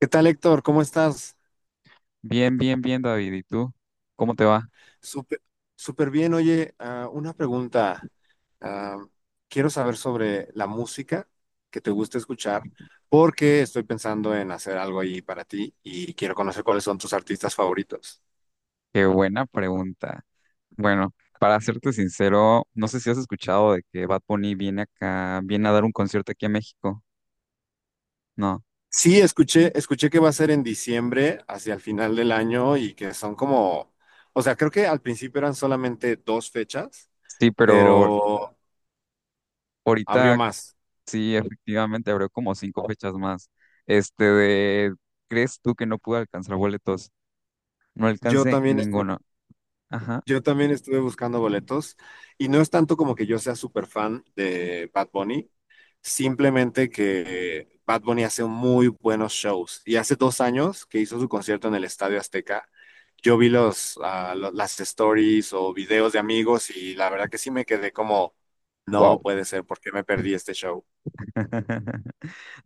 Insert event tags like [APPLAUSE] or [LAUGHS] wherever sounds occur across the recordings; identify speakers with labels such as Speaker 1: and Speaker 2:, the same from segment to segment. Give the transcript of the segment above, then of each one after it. Speaker 1: ¿Qué tal, Héctor? ¿Cómo estás?
Speaker 2: Bien, bien, bien, David. ¿Y tú? ¿Cómo te va?
Speaker 1: Súper, súper bien. Oye, una pregunta. Ah, Quiero saber sobre la música que te gusta escuchar, porque estoy pensando en hacer algo ahí para ti y quiero conocer cuáles son tus artistas favoritos.
Speaker 2: Qué buena pregunta. Bueno, para serte sincero, no sé si has escuchado de que Bad Bunny viene acá, viene a dar un concierto aquí a México. No.
Speaker 1: Sí, escuché que va a ser en diciembre, hacia el final del año, y que son o sea, creo que al principio eran solamente dos fechas,
Speaker 2: Sí, pero
Speaker 1: pero abrió
Speaker 2: ahorita
Speaker 1: más.
Speaker 2: sí, efectivamente, abrió como 5 fechas más. Este de, ¿Crees tú que no pude alcanzar boletos? No
Speaker 1: Yo
Speaker 2: alcancé
Speaker 1: también, estu-
Speaker 2: ninguno. Ajá.
Speaker 1: Yo también estuve buscando boletos y no es tanto como que yo sea súper fan de Bad Bunny, simplemente que Bad Bunny hace muy buenos shows y hace dos años que hizo su concierto en el Estadio Azteca, yo vi las stories o videos de amigos y la verdad que sí me quedé como, no
Speaker 2: Wow.
Speaker 1: puede ser, ¿por qué me perdí este show?
Speaker 2: [LAUGHS]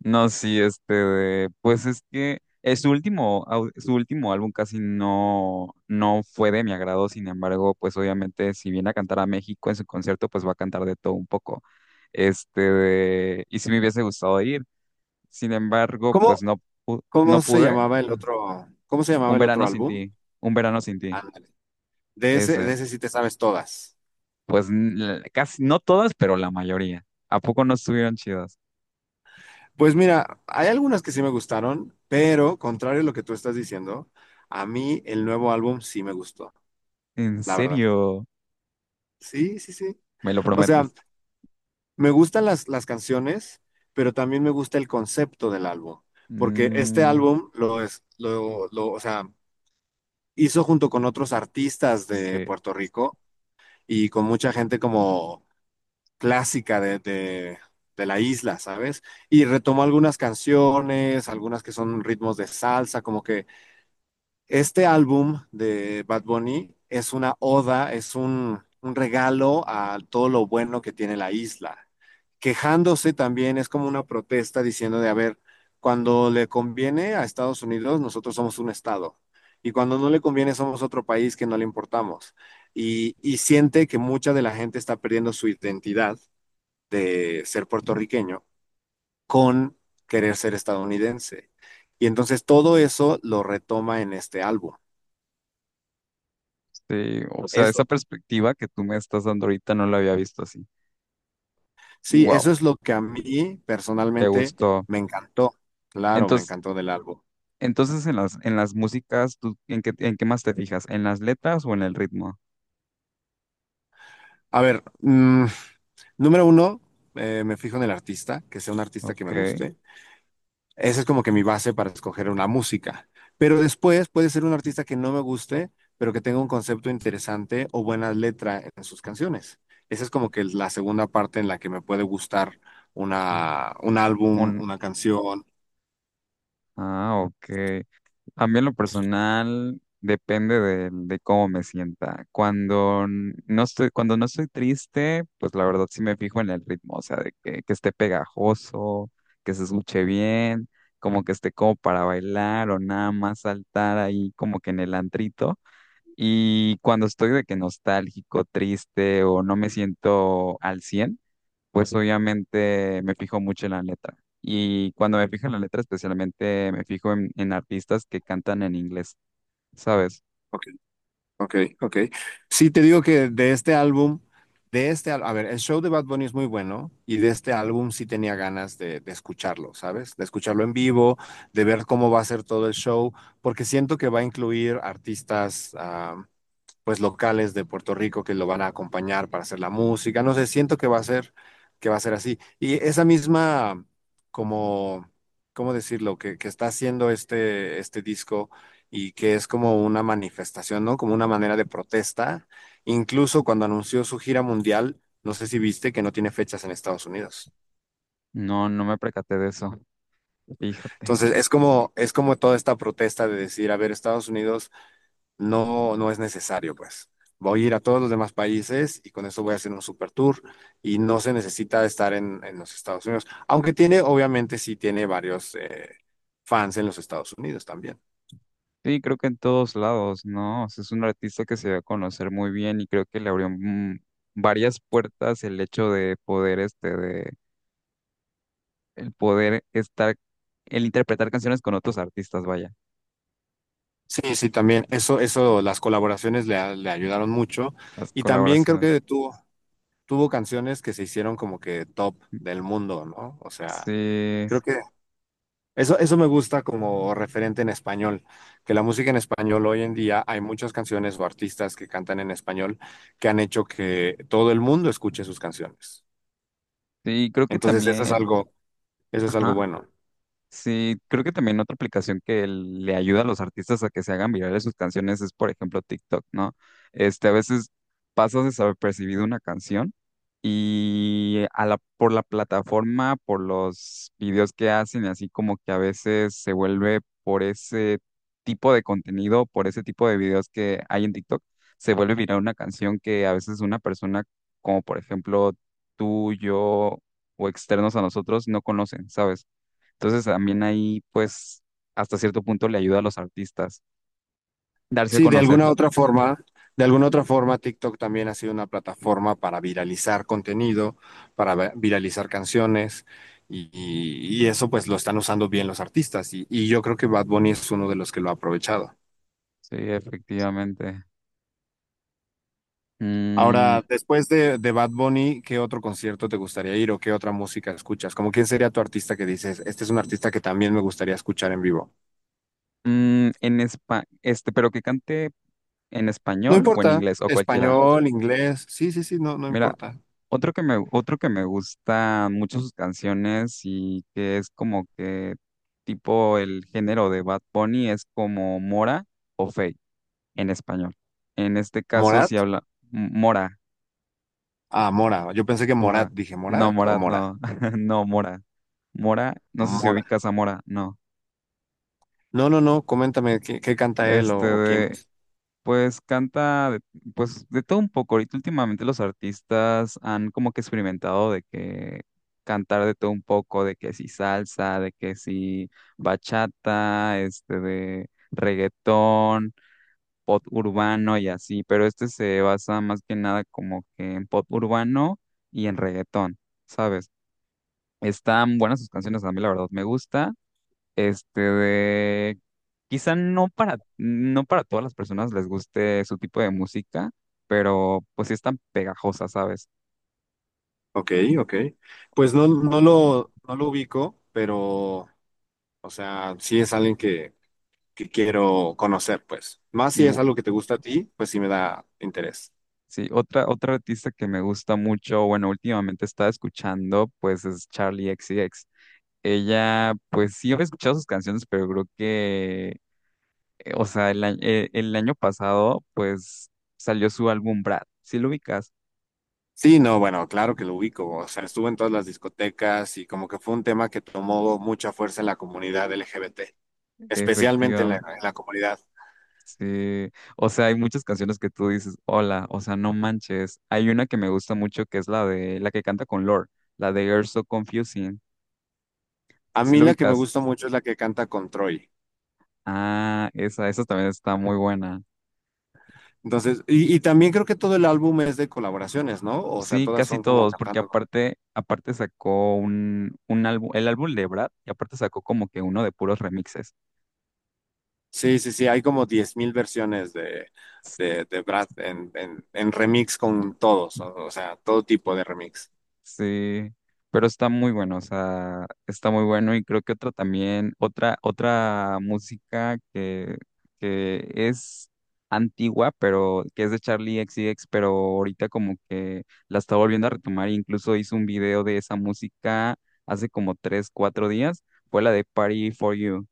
Speaker 2: No, sí, este, de- pues es que su último, au- su último álbum casi no, no fue de mi agrado. Sin embargo, pues obviamente si viene a cantar a México en su concierto, pues va a cantar de todo un poco. Y sí me hubiese gustado ir, sin embargo, pues
Speaker 1: ¿Cómo,
Speaker 2: no, pu- no
Speaker 1: cómo se
Speaker 2: pude.
Speaker 1: llamaba cómo se llamaba
Speaker 2: Un
Speaker 1: el otro
Speaker 2: verano sin
Speaker 1: álbum?
Speaker 2: ti, un verano sin ti.
Speaker 1: Ándale,
Speaker 2: Ese,
Speaker 1: de ese sí te sabes todas.
Speaker 2: pues casi, no todas, pero la mayoría. ¿A poco no estuvieron chidas?
Speaker 1: Pues mira, hay algunas que sí me gustaron, pero contrario a lo que tú estás diciendo, a mí el nuevo álbum sí me gustó,
Speaker 2: ¿En
Speaker 1: la verdad.
Speaker 2: serio?
Speaker 1: Sí, sí, sí.
Speaker 2: ¿Me lo
Speaker 1: O sea,
Speaker 2: prometes?
Speaker 1: me gustan las canciones, pero también me gusta el concepto del álbum, porque este
Speaker 2: Mm,
Speaker 1: álbum lo es, lo, o sea, hizo junto con otros artistas de
Speaker 2: sí,
Speaker 1: Puerto Rico y con mucha gente como clásica de la isla, ¿sabes? Y retomó algunas canciones, algunas que son ritmos de salsa, como que este álbum de Bad Bunny es una oda, es un regalo a todo lo bueno que tiene la isla. Quejándose también es como una protesta diciendo de, a ver, cuando le conviene a Estados Unidos, nosotros somos un estado. Y cuando no le conviene, somos otro país que no le importamos. Y siente que mucha de la gente está perdiendo su identidad de ser puertorriqueño con querer ser estadounidense. Y entonces todo eso lo retoma en este álbum.
Speaker 2: sí. O sea, esa
Speaker 1: Eso,
Speaker 2: perspectiva que tú me estás dando ahorita no la había visto así.
Speaker 1: sí, eso
Speaker 2: Wow,
Speaker 1: es lo que a mí
Speaker 2: te
Speaker 1: personalmente
Speaker 2: gustó.
Speaker 1: me encantó. Claro, me
Speaker 2: Entonces,
Speaker 1: encantó del álbum.
Speaker 2: entonces en las músicas, ¿tú en qué más te fijas? ¿En las letras o en el ritmo?
Speaker 1: A ver, número uno, me fijo en el artista, que sea un artista que
Speaker 2: Ok.
Speaker 1: me guste. Esa es como que mi base para escoger una música. Pero después puede ser un artista que no me guste, pero que tenga un concepto interesante o buena letra en sus canciones. Esa es como que la segunda parte en la que me puede gustar un álbum,
Speaker 2: Un,
Speaker 1: una canción.
Speaker 2: ok. A mí en lo personal depende de cómo me sienta. Cuando no estoy triste, pues la verdad sí me fijo en el ritmo, o sea, que esté pegajoso, que se escuche bien, como que esté como para bailar o nada más saltar ahí como que en el antrito. Y cuando estoy de que nostálgico, triste o no me siento al cien, pues obviamente me fijo mucho en la letra. Y cuando me fijo en la letra, especialmente me fijo en artistas que cantan en inglés, ¿sabes?
Speaker 1: Ok, ok. Sí, te digo que de este álbum, a ver, el show de Bad Bunny es muy bueno y de este álbum sí tenía ganas de escucharlo, ¿sabes? De escucharlo en vivo, de ver cómo va a ser todo el show, porque siento que va a incluir artistas pues locales de Puerto Rico que lo van a acompañar para hacer la música. No sé, siento que va a ser, que va a ser así. Y esa misma, como, ¿cómo decirlo? Que está haciendo este disco y que es como una manifestación, ¿no? Como una manera de protesta. Incluso cuando anunció su gira mundial, no sé si viste que no tiene fechas en Estados Unidos.
Speaker 2: No, no me percaté de eso.
Speaker 1: Entonces,
Speaker 2: Fíjate.
Speaker 1: es como toda esta protesta de decir, a ver, Estados Unidos no es necesario, pues. Voy a ir a todos los demás países y con eso voy a hacer un super tour y no se necesita estar en los Estados Unidos, aunque tiene, obviamente, sí tiene varios fans en los Estados Unidos también.
Speaker 2: Sí, creo que en todos lados, ¿no? O sea, es un artista que se va a conocer muy bien y creo que le abrió varias puertas el hecho de poder, este, de el poder estar, el interpretar canciones con otros artistas, vaya,
Speaker 1: Sí, sí, también. Las colaboraciones le ayudaron mucho.
Speaker 2: las
Speaker 1: Y también creo
Speaker 2: colaboraciones.
Speaker 1: que tuvo, tuvo canciones que se hicieron como que top del mundo, ¿no? O sea,
Speaker 2: Sí,
Speaker 1: creo que eso me gusta como referente en español, que la música en español hoy en día hay muchas canciones o artistas que cantan en español que han hecho que todo el mundo escuche sus canciones.
Speaker 2: sí, creo que
Speaker 1: Entonces,
Speaker 2: también.
Speaker 1: eso es algo
Speaker 2: Ajá.
Speaker 1: bueno.
Speaker 2: Sí, creo que también otra aplicación que le ayuda a los artistas a que se hagan virales sus canciones es, por ejemplo, TikTok, ¿no? Este, a veces pasas desapercibido una canción y por la plataforma, por los videos que hacen, y así como que a veces se vuelve por ese tipo de contenido, por ese tipo de videos que hay en TikTok, se vuelve viral una canción que a veces una persona, como por ejemplo tú, yo o externos a nosotros, no conocen, ¿sabes? Entonces también ahí, pues, hasta cierto punto le ayuda a los artistas darse a
Speaker 1: Sí,
Speaker 2: conocer.
Speaker 1: de alguna otra forma, TikTok también ha sido una plataforma para viralizar contenido, para viralizar canciones, y eso pues lo están usando bien los artistas, y yo creo que Bad Bunny es uno de los que lo ha aprovechado.
Speaker 2: Sí, efectivamente. Mm,
Speaker 1: Ahora, después de Bad Bunny, ¿qué otro concierto te gustaría ir o qué otra música escuchas? ¿Cómo quién sería tu artista que dices, este es un artista que también me gustaría escuchar en vivo?
Speaker 2: pero que cante en
Speaker 1: No
Speaker 2: español o en
Speaker 1: importa,
Speaker 2: inglés o cualquiera.
Speaker 1: español, inglés, sí, sí, sí, no, no
Speaker 2: Mira,
Speaker 1: importa.
Speaker 2: otro que me gusta mucho sus canciones y que es como que tipo el género de Bad Bunny, es como Mora o Fey en español. En este caso,
Speaker 1: ¿Morat?
Speaker 2: si habla Mora.
Speaker 1: Ah, Mora. Yo pensé que
Speaker 2: Mora.
Speaker 1: Morat, dije,
Speaker 2: No,
Speaker 1: ¿Morat o
Speaker 2: Morat,
Speaker 1: Mora?
Speaker 2: no. [LAUGHS] No, Mora. Mora, no sé si
Speaker 1: Mora.
Speaker 2: ubicas a Mora, no.
Speaker 1: No, no, no, coméntame qué canta él
Speaker 2: Este
Speaker 1: o quién
Speaker 2: de,
Speaker 1: es.
Speaker 2: pues canta, pues de todo un poco. Ahorita últimamente los artistas han como que experimentado de que cantar de todo un poco, de que si salsa, de que si bachata, este de reggaetón, pop urbano y así, pero este se basa más que nada como que en pop urbano y en reggaetón, ¿sabes? Están buenas sus canciones, a mí la verdad me gusta. Este de, quizá no para todas las personas les guste su tipo de música, pero pues sí están pegajosas, ¿sabes?
Speaker 1: Ok, ok. Pues no, no lo ubico, pero, o sea, sí es alguien que quiero conocer, pues. Más
Speaker 2: Y
Speaker 1: si es
Speaker 2: u-
Speaker 1: algo que te gusta a ti, pues sí me da interés.
Speaker 2: sí, otra artista que me gusta mucho, bueno, últimamente estaba escuchando pues es Charlie XCX. Ella pues sí he escuchado sus canciones, pero creo que o sea, el año pasado pues salió su álbum Brad. ¿Sí lo ubicas?
Speaker 1: Sí, no, bueno, claro que lo ubico, o sea, estuve en todas las discotecas y como que fue un tema que tomó mucha fuerza en la comunidad LGBT, especialmente en
Speaker 2: Efectivamente.
Speaker 1: en la comunidad.
Speaker 2: Sí, o sea, hay muchas canciones que tú dices, hola, o sea, no manches. Hay una que me gusta mucho que es la que canta con Lorde, la de You're So Confusing.
Speaker 1: A
Speaker 2: ¿Sí
Speaker 1: mí
Speaker 2: lo
Speaker 1: la que me
Speaker 2: ubicas?
Speaker 1: gusta mucho es la que canta con Troy.
Speaker 2: Ah, esa también está muy buena.
Speaker 1: Entonces, y también creo que todo el álbum es de colaboraciones, ¿no? O sea,
Speaker 2: Sí,
Speaker 1: todas
Speaker 2: casi
Speaker 1: son como
Speaker 2: todos, porque
Speaker 1: cantando.
Speaker 2: aparte sacó un álbum, el álbum de Brad, y aparte sacó como que uno de puros remixes.
Speaker 1: Sí, sí, sí, hay como 10,000 versiones de Brad en remix con todos, o sea, todo tipo de remix.
Speaker 2: Sí, pero está muy bueno, o sea, está muy bueno y creo que otra música que es antigua, pero que es de Charlie XCX, pero ahorita como que la está volviendo a retomar, e incluso hizo un video de esa música hace como tres, cuatro días, fue la de Party for You.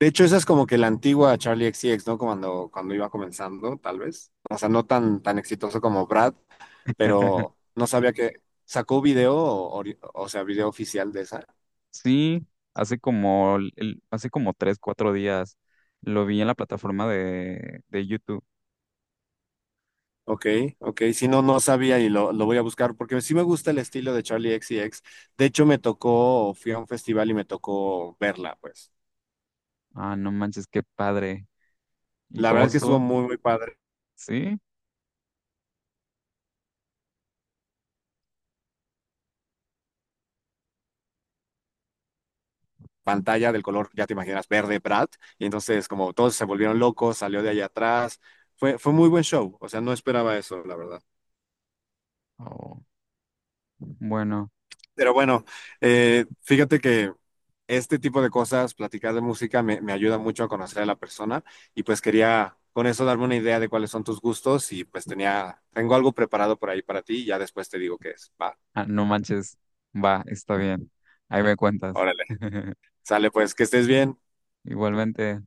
Speaker 1: De hecho, esa es como que la antigua Charlie X C X, ¿no? Cuando iba comenzando, tal vez. O sea, no tan exitoso como Brad, pero
Speaker 2: [LAUGHS]
Speaker 1: no sabía que sacó video, o sea, video oficial de esa.
Speaker 2: Sí, hace como tres, cuatro días lo vi en la plataforma de YouTube.
Speaker 1: Ok, ok, si no, no sabía lo voy a buscar porque sí me gusta el estilo de Charlie X C X. De hecho, me tocó, fui a un festival y me tocó verla, pues.
Speaker 2: Ah, no manches, qué padre. ¿Y
Speaker 1: La
Speaker 2: cómo Mm.
Speaker 1: verdad es que estuvo
Speaker 2: estuvo?
Speaker 1: muy, muy padre.
Speaker 2: ¿Sí?
Speaker 1: Pantalla del color, ya te imaginas, verde Brad, y entonces como todos se volvieron locos, salió de allá atrás, fue muy buen show, o sea, no esperaba eso, la verdad.
Speaker 2: Oh, bueno,
Speaker 1: Pero bueno, fíjate que este tipo de cosas, platicar de música, me ayuda mucho a conocer a la persona y pues quería con eso darme una idea de cuáles son tus gustos y pues tengo algo preparado por ahí para ti y ya después te digo qué es. Va,
Speaker 2: ah, no manches. Va, está bien. Ahí me cuentas.
Speaker 1: órale,
Speaker 2: [LAUGHS]
Speaker 1: sale pues, que estés bien.
Speaker 2: Igualmente.